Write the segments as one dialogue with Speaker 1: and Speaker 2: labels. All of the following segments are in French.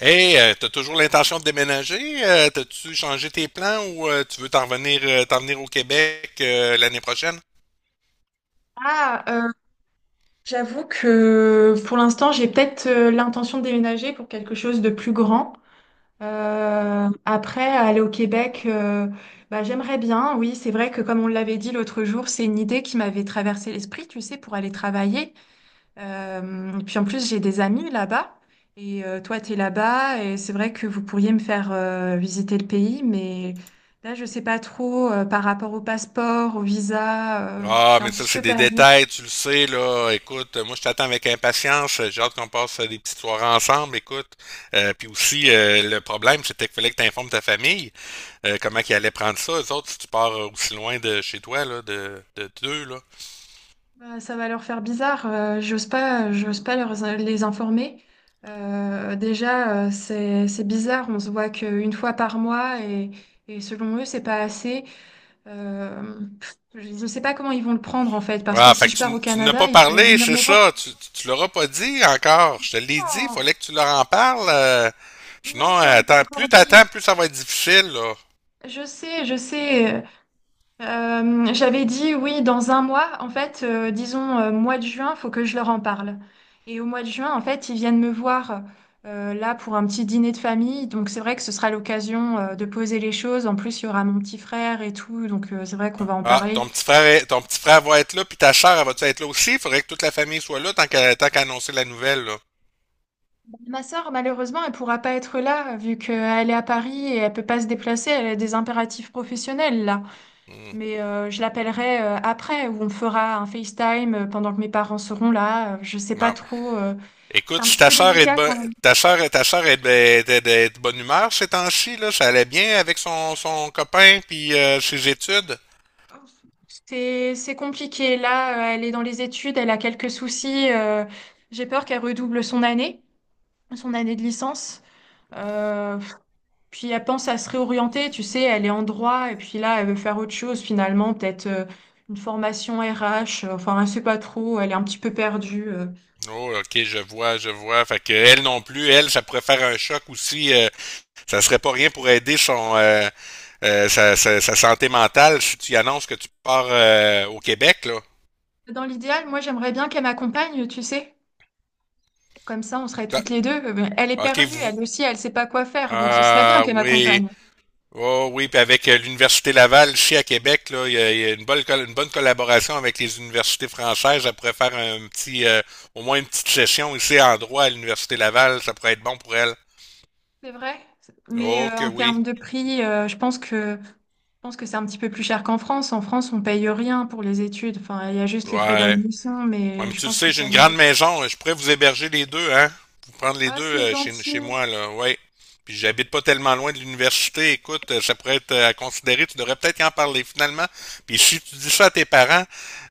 Speaker 1: Hey, t'as toujours l'intention de déménager? T'as-tu changé tes plans ou tu veux t'en venir au Québec l'année prochaine?
Speaker 2: Ah, j'avoue que pour l'instant, j'ai peut-être l'intention de déménager pour quelque chose de plus grand. Après, aller au Québec, bah, j'aimerais bien. Oui, c'est vrai que comme on l'avait dit l'autre jour, c'est une idée qui m'avait traversé l'esprit, tu sais, pour aller travailler. Et puis en plus, j'ai des amis là-bas. Et toi, tu es là-bas. Et c'est vrai que vous pourriez me faire visiter le pays. Mais là, je sais pas trop par rapport au passeport, au visa. Je
Speaker 1: Ah,
Speaker 2: suis un
Speaker 1: mais ça,
Speaker 2: petit
Speaker 1: c'est
Speaker 2: peu
Speaker 1: des
Speaker 2: perdue.
Speaker 1: détails, tu le sais, là. Écoute, moi, je t'attends avec impatience. J'ai hâte qu'on passe des petites soirées ensemble, écoute. Puis aussi, le problème, c'était qu'il fallait que t'informes ta famille comment qu'ils allaient prendre ça. Eux autres, si tu pars aussi loin de chez toi, là, de d'eux, là.
Speaker 2: Bah, ça va leur faire bizarre. J'ose pas leur, les informer. Déjà, c'est bizarre. On se voit qu'une fois par mois et selon eux, c'est pas assez. Pff, je ne sais pas comment ils vont le prendre en fait, parce que
Speaker 1: Ah,
Speaker 2: si
Speaker 1: fait que
Speaker 2: je pars au
Speaker 1: tu n'as
Speaker 2: Canada,
Speaker 1: pas
Speaker 2: ils pourront
Speaker 1: parlé,
Speaker 2: venir
Speaker 1: c'est
Speaker 2: me voir.
Speaker 1: ça. Tu l'auras pas dit encore. Je te l'ai dit, il
Speaker 2: Non,
Speaker 1: fallait que tu leur en parles.
Speaker 2: non,
Speaker 1: Sinon,
Speaker 2: je leur ai pas
Speaker 1: attends,
Speaker 2: encore
Speaker 1: plus t'attends,
Speaker 2: dit.
Speaker 1: plus ça va être difficile, là.
Speaker 2: Je sais, je sais. J'avais dit oui, dans un mois, en fait, disons mois de juin, faut que je leur en parle. Et au mois de juin, en fait, ils viennent me voir là pour un petit dîner de famille. Donc c'est vrai que ce sera l'occasion de poser les choses. En plus, il y aura mon petit frère et tout, donc c'est vrai qu'on va en
Speaker 1: Ah,
Speaker 2: parler.
Speaker 1: ton petit frère, ton petit frère va être là, puis ta sœur, elle va être là aussi? Il faudrait que toute la famille soit là tant qu'à annoncer la nouvelle, là.
Speaker 2: Ma sœur, malheureusement, elle pourra pas être là vu qu'elle est à Paris et elle peut pas se déplacer. Elle a des impératifs professionnels là.
Speaker 1: Hmm.
Speaker 2: Mais je l'appellerai après, où on fera un FaceTime pendant que mes parents seront là. Je sais pas
Speaker 1: Non.
Speaker 2: trop. C'est
Speaker 1: Écoute,
Speaker 2: un
Speaker 1: si
Speaker 2: petit peu délicat quand même.
Speaker 1: ta sœur, est de bonne humeur ces temps-ci, là, ça allait bien avec son, son copain puis ses études.
Speaker 2: C'est compliqué. Là, elle est dans les études, elle a quelques soucis. J'ai peur qu'elle redouble son année de licence. Euh, puis elle pense à se réorienter. Tu sais, elle est en droit et puis là, elle veut faire autre chose finalement, peut-être une formation RH. Enfin, elle sait pas trop. Elle est un petit peu perdue.
Speaker 1: Oh, ok, je vois, je vois. Fait que elle non plus, elle, ça pourrait faire un choc aussi. Ça serait pas rien pour aider son sa santé mentale si tu y annonces que tu pars au Québec, là.
Speaker 2: Dans l'idéal, moi, j'aimerais bien qu'elle m'accompagne. Tu sais, comme ça, on serait toutes les deux. Elle est
Speaker 1: Ah, ok,
Speaker 2: perdue,
Speaker 1: vous.
Speaker 2: elle aussi, elle sait pas quoi faire. Donc, ce serait bien
Speaker 1: Ah
Speaker 2: qu'elle
Speaker 1: oui.
Speaker 2: m'accompagne.
Speaker 1: Oh oui, puis avec l'Université Laval ici à Québec, là, il y a une une bonne collaboration avec les universités françaises. Ça pourrait faire un petit au moins une petite session ici en droit à l'Université Laval, ça pourrait être bon pour elle.
Speaker 2: C'est vrai, mais
Speaker 1: Oh que
Speaker 2: en
Speaker 1: oui.
Speaker 2: termes de prix, je pense que c'est un petit peu plus cher qu'en France. En France, on paye rien pour les études. Enfin, il y a juste les frais
Speaker 1: Ouais.
Speaker 2: d'admission,
Speaker 1: Ouais,
Speaker 2: mais
Speaker 1: mais
Speaker 2: je
Speaker 1: tu le
Speaker 2: pense qu'au
Speaker 1: sais, j'ai une
Speaker 2: Canada.
Speaker 1: grande maison. Je pourrais vous héberger les deux, hein? Vous prendre les
Speaker 2: Ah,
Speaker 1: deux
Speaker 2: c'est
Speaker 1: chez
Speaker 2: gentil.
Speaker 1: moi, là. Ouais. Puis j'habite pas tellement loin de l'université. Écoute, ça pourrait être à considérer. Tu devrais peut-être y en parler finalement. Puis si tu dis ça à tes parents,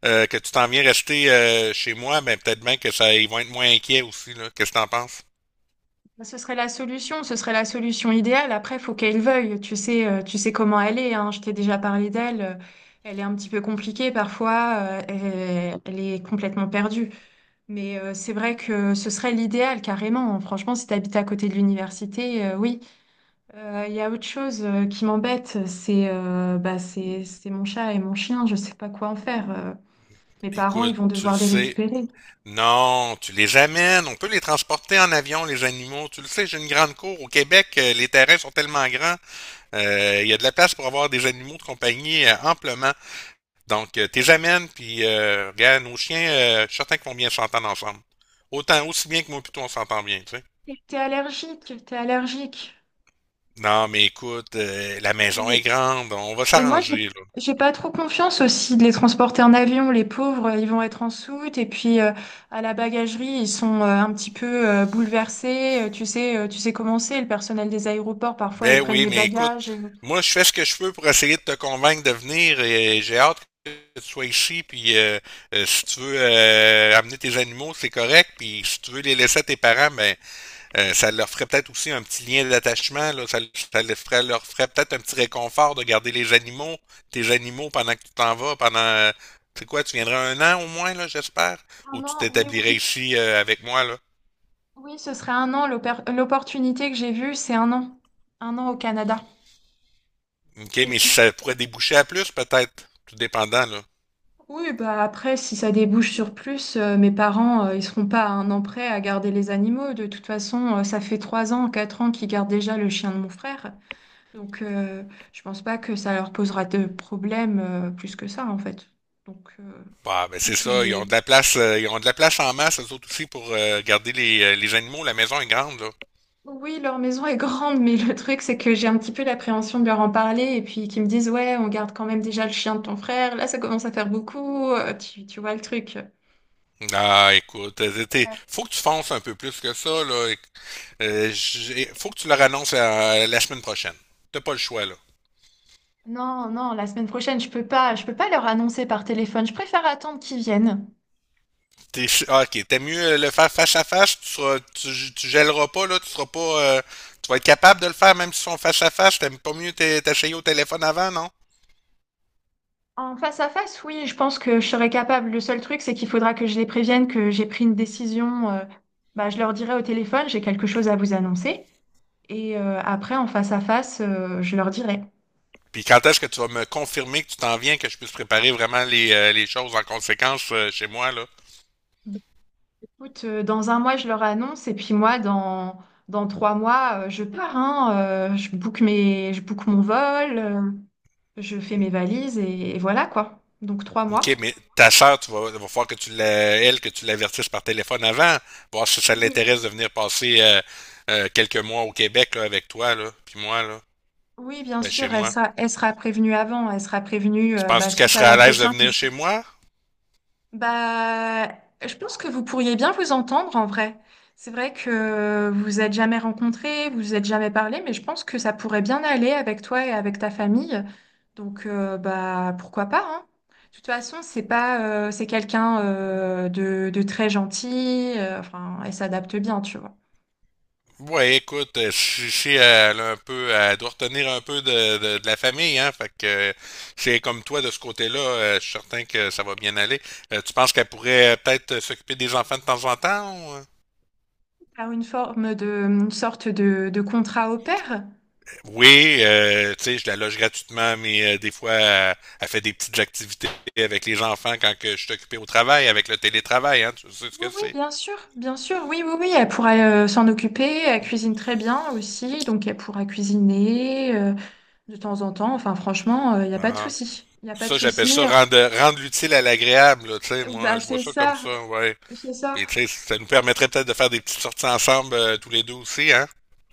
Speaker 1: que tu t'en viens rester chez moi, ben peut-être bien que ça, ils vont être moins inquiets aussi, là. Qu'est-ce que t'en penses?
Speaker 2: Bah, Ce serait la solution idéale. Après, il faut qu'elle veuille. Tu sais comment elle est, hein. Je t'ai déjà parlé d'elle. Elle est un petit peu compliquée parfois. Elle est complètement perdue. Mais c'est vrai que ce serait l'idéal, carrément. Franchement, si tu habites à côté de l'université, oui. Il y a autre chose qui m'embête, c'est bah, c'est mon chat et mon chien, je sais pas quoi en faire. Mes parents, ils
Speaker 1: Écoute,
Speaker 2: vont
Speaker 1: tu le
Speaker 2: devoir les
Speaker 1: sais.
Speaker 2: récupérer.
Speaker 1: Non, tu les amènes. On peut les transporter en avion, les animaux. Tu le sais, j'ai une grande cour. Au Québec, les terrains sont tellement grands. Il y a de la place pour avoir des animaux de compagnie amplement. Donc, t'es amènes, puis regarde, nos chiens, je suis certain qu'ils vont bien s'entendre ensemble. Aussi bien que moi, plutôt, on s'entend bien, tu sais.
Speaker 2: T'es allergique, t'es allergique.
Speaker 1: Non, mais écoute, la maison est
Speaker 2: Et,
Speaker 1: grande, on va
Speaker 2: et moi, j'ai,
Speaker 1: s'arranger, là.
Speaker 2: j'ai pas trop confiance aussi de les transporter en avion. Les pauvres, ils vont être en soute. Et puis, à la bagagerie, ils sont un petit peu bouleversés. Tu sais comment c'est, le personnel des aéroports, parfois, ils
Speaker 1: Ben
Speaker 2: prennent
Speaker 1: oui,
Speaker 2: les
Speaker 1: mais écoute,
Speaker 2: bagages.
Speaker 1: moi, je fais ce que je peux pour essayer de te convaincre de venir, et j'ai hâte que tu sois ici, puis si tu veux amener tes animaux, c'est correct, puis si tu veux les laisser à tes parents, ben, ça leur ferait peut-être aussi un petit lien d'attachement, là. Leur ferait peut-être un petit réconfort de garder les animaux, tes animaux pendant que tu t'en vas, pendant, tu sais quoi, tu viendrais 1 an au moins, là, j'espère,
Speaker 2: Ah
Speaker 1: ou tu
Speaker 2: non, oui, oui,
Speaker 1: t'établirais
Speaker 2: oui.
Speaker 1: ici avec moi, là.
Speaker 2: Oui, ce serait un an. L'opportunité que j'ai vue, c'est un an. Un an au Canada.
Speaker 1: OK, mais
Speaker 2: Oui.
Speaker 1: si ça pourrait déboucher à plus, peut-être, tout dépendant, là.
Speaker 2: Oui, bah après, si ça débouche sur plus, mes parents, ils seront pas à un an près à garder les animaux. De toute façon, ça fait trois ans, quatre ans qu'ils gardent déjà le chien de mon frère. Donc, je pense pas que ça leur posera de problème, plus que ça, en fait. Donc,
Speaker 1: Bah, ben c'est
Speaker 2: juste que je
Speaker 1: ça, ils ont de
Speaker 2: les
Speaker 1: la place, ils ont de la place en masse, eux autres aussi, pour garder les animaux. La maison est grande, là.
Speaker 2: Oui, leur maison est grande, mais le truc, c'est que j'ai un petit peu l'appréhension de leur en parler et puis qu'ils me disent, ouais, on garde quand même déjà le chien de ton frère, là, ça commence à faire beaucoup, tu vois le truc.
Speaker 1: Ah, écoute,
Speaker 2: Ouais.
Speaker 1: faut que tu fonces un peu plus que ça, là. Faut que tu leur annonces la semaine prochaine. T'as pas le choix, là.
Speaker 2: Non, non, la semaine prochaine, je peux pas leur annoncer par téléphone, je préfère attendre qu'ils viennent.
Speaker 1: Ok, t'es mieux le faire face à face, tu gèleras pas, là, tu seras pas, tu vas être capable de le faire même si ils sont face à face, t'aimes pas mieux t'essayer au téléphone avant, non?
Speaker 2: En face à face, oui, je pense que je serai capable. Le seul truc, c'est qu'il faudra que je les prévienne que j'ai pris une décision. Bah, je leur dirai au téléphone, j'ai quelque chose à vous annoncer. Et après, en face à face, je leur dirai.
Speaker 1: Puis quand est-ce que tu vas me confirmer que tu t'en viens, que je puisse préparer vraiment les choses en conséquence, chez moi, là?
Speaker 2: Écoute, dans un mois, je leur annonce, et puis moi, dans trois mois, je pars, hein, je book mon vol, je fais mes valises, et voilà quoi. Donc trois
Speaker 1: OK,
Speaker 2: mois.
Speaker 1: mais ta sœur, il va falloir que que tu l'avertisses par téléphone avant, voir si ça
Speaker 2: Oui.
Speaker 1: l'intéresse de venir passer quelques mois au Québec là, avec toi, là, puis moi, là,
Speaker 2: Oui, bien
Speaker 1: ben chez
Speaker 2: sûr, elle
Speaker 1: moi.
Speaker 2: sera, elle sera prévenue avant, elle sera prévenue
Speaker 1: Tu
Speaker 2: bah,
Speaker 1: penses-tu qu'elle
Speaker 2: suite à
Speaker 1: serait à l'aise de
Speaker 2: l'entretien que je
Speaker 1: venir chez moi?
Speaker 2: Bah, je pense que vous pourriez bien vous entendre en vrai. C'est vrai que vous vous êtes jamais rencontrés, vous vous êtes jamais parlé, mais je pense que ça pourrait bien aller avec toi et avec ta famille. Donc, bah, pourquoi pas, hein. De toute façon, c'est pas, c'est quelqu'un de très gentil, enfin, elle s'adapte bien, tu vois.
Speaker 1: Ouais, écoute, si elle a un peu, elle doit retenir un peu de la famille, hein, fait que c'est comme toi de ce côté-là, je suis certain que ça va bien aller. Tu penses qu'elle pourrait peut-être s'occuper des enfants de temps en temps? Ou, euh?
Speaker 2: T'as une forme de, une sorte de contrat au pair.
Speaker 1: Oui, tu sais, je la loge gratuitement, mais des fois, elle fait des petites activités avec les enfants quand que je suis occupé au travail, avec le télétravail, hein, tu sais ce
Speaker 2: Oui,
Speaker 1: que
Speaker 2: oui,
Speaker 1: c'est.
Speaker 2: bien sûr, oui, oui, oui, elle pourra s'en occuper, elle
Speaker 1: Mm.
Speaker 2: cuisine très bien aussi, donc elle pourra cuisiner de temps en temps, enfin franchement, il n'y a pas de
Speaker 1: Ah.
Speaker 2: souci, il n'y a pas de
Speaker 1: Ça,
Speaker 2: souci.
Speaker 1: j'appelle ça rendre l'utile à l'agréable, là, tu sais, moi,
Speaker 2: Bah
Speaker 1: je vois ça comme ça, ouais.
Speaker 2: c'est ça,
Speaker 1: Puis, tu sais, ça nous permettrait peut-être de faire des petites sorties ensemble, tous les deux aussi, hein.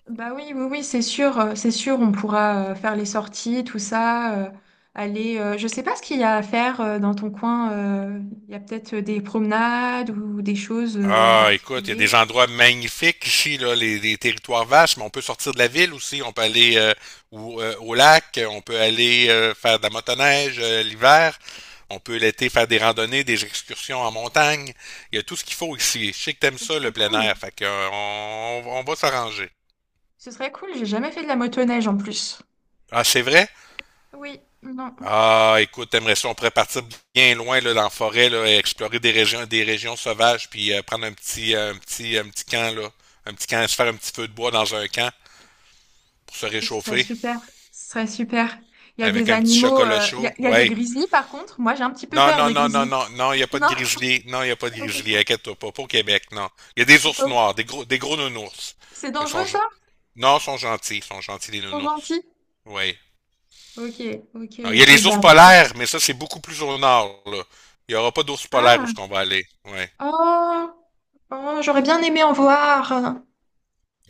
Speaker 2: bah oui, oui, oui, c'est sûr, on pourra faire les sorties, tout ça, aller, je sais pas ce qu'il y a à faire dans ton coin, il y a peut-être des promenades ou des choses en
Speaker 1: Ah, écoute, il y a des
Speaker 2: particulier,
Speaker 1: endroits magnifiques ici, là, les territoires vastes, mais on peut sortir de la ville aussi. On peut aller au lac, on peut aller faire de la motoneige l'hiver, on peut l'été faire des randonnées, des excursions en montagne. Il y a tout ce qu'il faut ici. Je sais que t'aimes
Speaker 2: ce
Speaker 1: ça, le
Speaker 2: serait
Speaker 1: plein
Speaker 2: cool,
Speaker 1: air, fait que, on va s'arranger.
Speaker 2: ce serait cool, j'ai jamais fait de la motoneige en plus.
Speaker 1: Ah, c'est vrai?
Speaker 2: Oui, non,
Speaker 1: Ah, écoute, t'aimerais ça, on pourrait partir bien loin là, dans la forêt, là, et explorer des régions sauvages, puis prendre un petit camp, là. Un petit camp, se faire un petit feu de bois dans un camp, pour se
Speaker 2: ce serait
Speaker 1: réchauffer
Speaker 2: super, ce serait super. Il y a
Speaker 1: avec
Speaker 2: des
Speaker 1: un petit
Speaker 2: animaux,
Speaker 1: chocolat
Speaker 2: il y
Speaker 1: chaud.
Speaker 2: a, il y a des
Speaker 1: Ouais.
Speaker 2: grizzlies par contre. Moi, j'ai un petit peu
Speaker 1: Non,
Speaker 2: peur
Speaker 1: non,
Speaker 2: des
Speaker 1: non, non,
Speaker 2: grizzlies.
Speaker 1: non, non, il n'y a pas de
Speaker 2: Non,
Speaker 1: grizzly. Non, il n'y a pas de grizzly.
Speaker 2: heureusement.
Speaker 1: Inquiète-toi pas. Pas au Québec, non. Il y a des ours
Speaker 2: Oh,
Speaker 1: noirs, des gros nounours.
Speaker 2: c'est
Speaker 1: Mais
Speaker 2: dangereux, ça?
Speaker 1: non, ils sont gentils. Ils sont gentils,
Speaker 2: Ils
Speaker 1: les
Speaker 2: sont
Speaker 1: nounours.
Speaker 2: gentils.
Speaker 1: Oui.
Speaker 2: Ok, ok,
Speaker 1: Alors, il y a
Speaker 2: ok.
Speaker 1: les ours
Speaker 2: Bah.
Speaker 1: polaires, mais ça, c'est beaucoup plus au nord, là. Il n'y aura pas d'ours polaires où
Speaker 2: Ah,
Speaker 1: ce qu'on va aller. Ouais.
Speaker 2: oh, oh, j'aurais bien aimé en voir.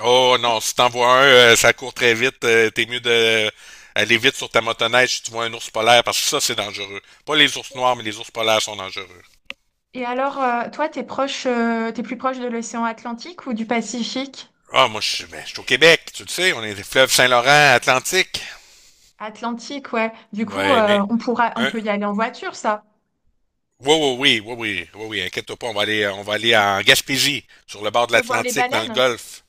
Speaker 1: Oh non, si t'en vois un, ça court très vite. T'es mieux de aller vite sur ta motoneige si tu vois un ours polaire, parce que ça, c'est dangereux. Pas les ours noirs, mais les ours polaires sont dangereux.
Speaker 2: Et alors, toi, t'es plus proche de l'océan Atlantique ou du Pacifique?
Speaker 1: Ah, moi, je suis au Québec, tu le sais, on est les fleuves Saint-Laurent, Atlantique.
Speaker 2: Atlantique, ouais. Du coup,
Speaker 1: Ouais, mais,
Speaker 2: on
Speaker 1: mais-
Speaker 2: peut y aller en voiture, ça.
Speaker 1: oui, oui, oui, oui, oui, oui, oui, inquiète-toi pas, on va aller
Speaker 2: On
Speaker 1: en Gaspésie, sur le bord de
Speaker 2: peut voir les
Speaker 1: l'Atlantique, dans le
Speaker 2: baleines.
Speaker 1: Golfe.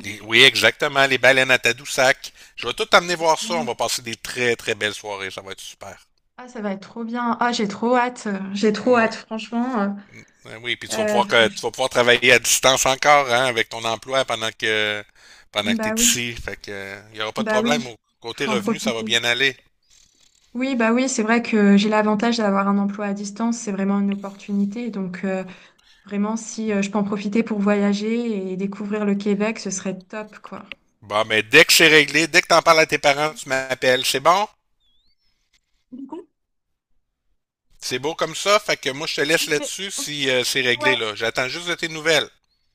Speaker 1: Oui, exactement, les baleines à Tadoussac. Je vais tout t'amener voir ça, on va passer des très, très belles soirées, ça va être super.
Speaker 2: Ah, ça va être trop bien. Ah, j'ai trop hâte. J'ai trop
Speaker 1: Oui,
Speaker 2: hâte, franchement.
Speaker 1: oui, oui, puis
Speaker 2: Euh, faut-
Speaker 1: tu vas pouvoir travailler à distance encore, hein, avec ton emploi pendant que t'es
Speaker 2: bah oui,
Speaker 1: ici, fait que, il y aura pas de
Speaker 2: bah
Speaker 1: problème,
Speaker 2: oui,
Speaker 1: au côté
Speaker 2: faut en
Speaker 1: revenu, ça va
Speaker 2: profiter.
Speaker 1: bien aller.
Speaker 2: Oui, bah oui, c'est vrai que j'ai l'avantage d'avoir un emploi à distance. C'est vraiment une opportunité. Donc, vraiment, si je peux en profiter pour voyager et découvrir le Québec, ce serait top, quoi.
Speaker 1: Bon, mais dès que c'est réglé, dès que t'en parles à tes parents, tu m'appelles. C'est bon? C'est beau comme ça, fait que moi je te laisse
Speaker 2: Mais-
Speaker 1: là-dessus si c'est
Speaker 2: Ouais,
Speaker 1: réglé là. J'attends juste de tes nouvelles.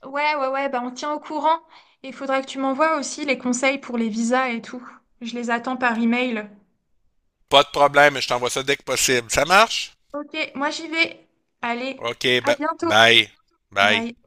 Speaker 2: ouais, ouais, ouais, bah on tient au courant. Il faudrait que tu m'envoies aussi les conseils pour les visas et tout. Je les attends par email.
Speaker 1: Pas de problème, je t'envoie ça dès que possible. Ça marche?
Speaker 2: Ok, moi j'y vais. Allez,
Speaker 1: OK,
Speaker 2: à bientôt.
Speaker 1: bye. Bye.
Speaker 2: Bye.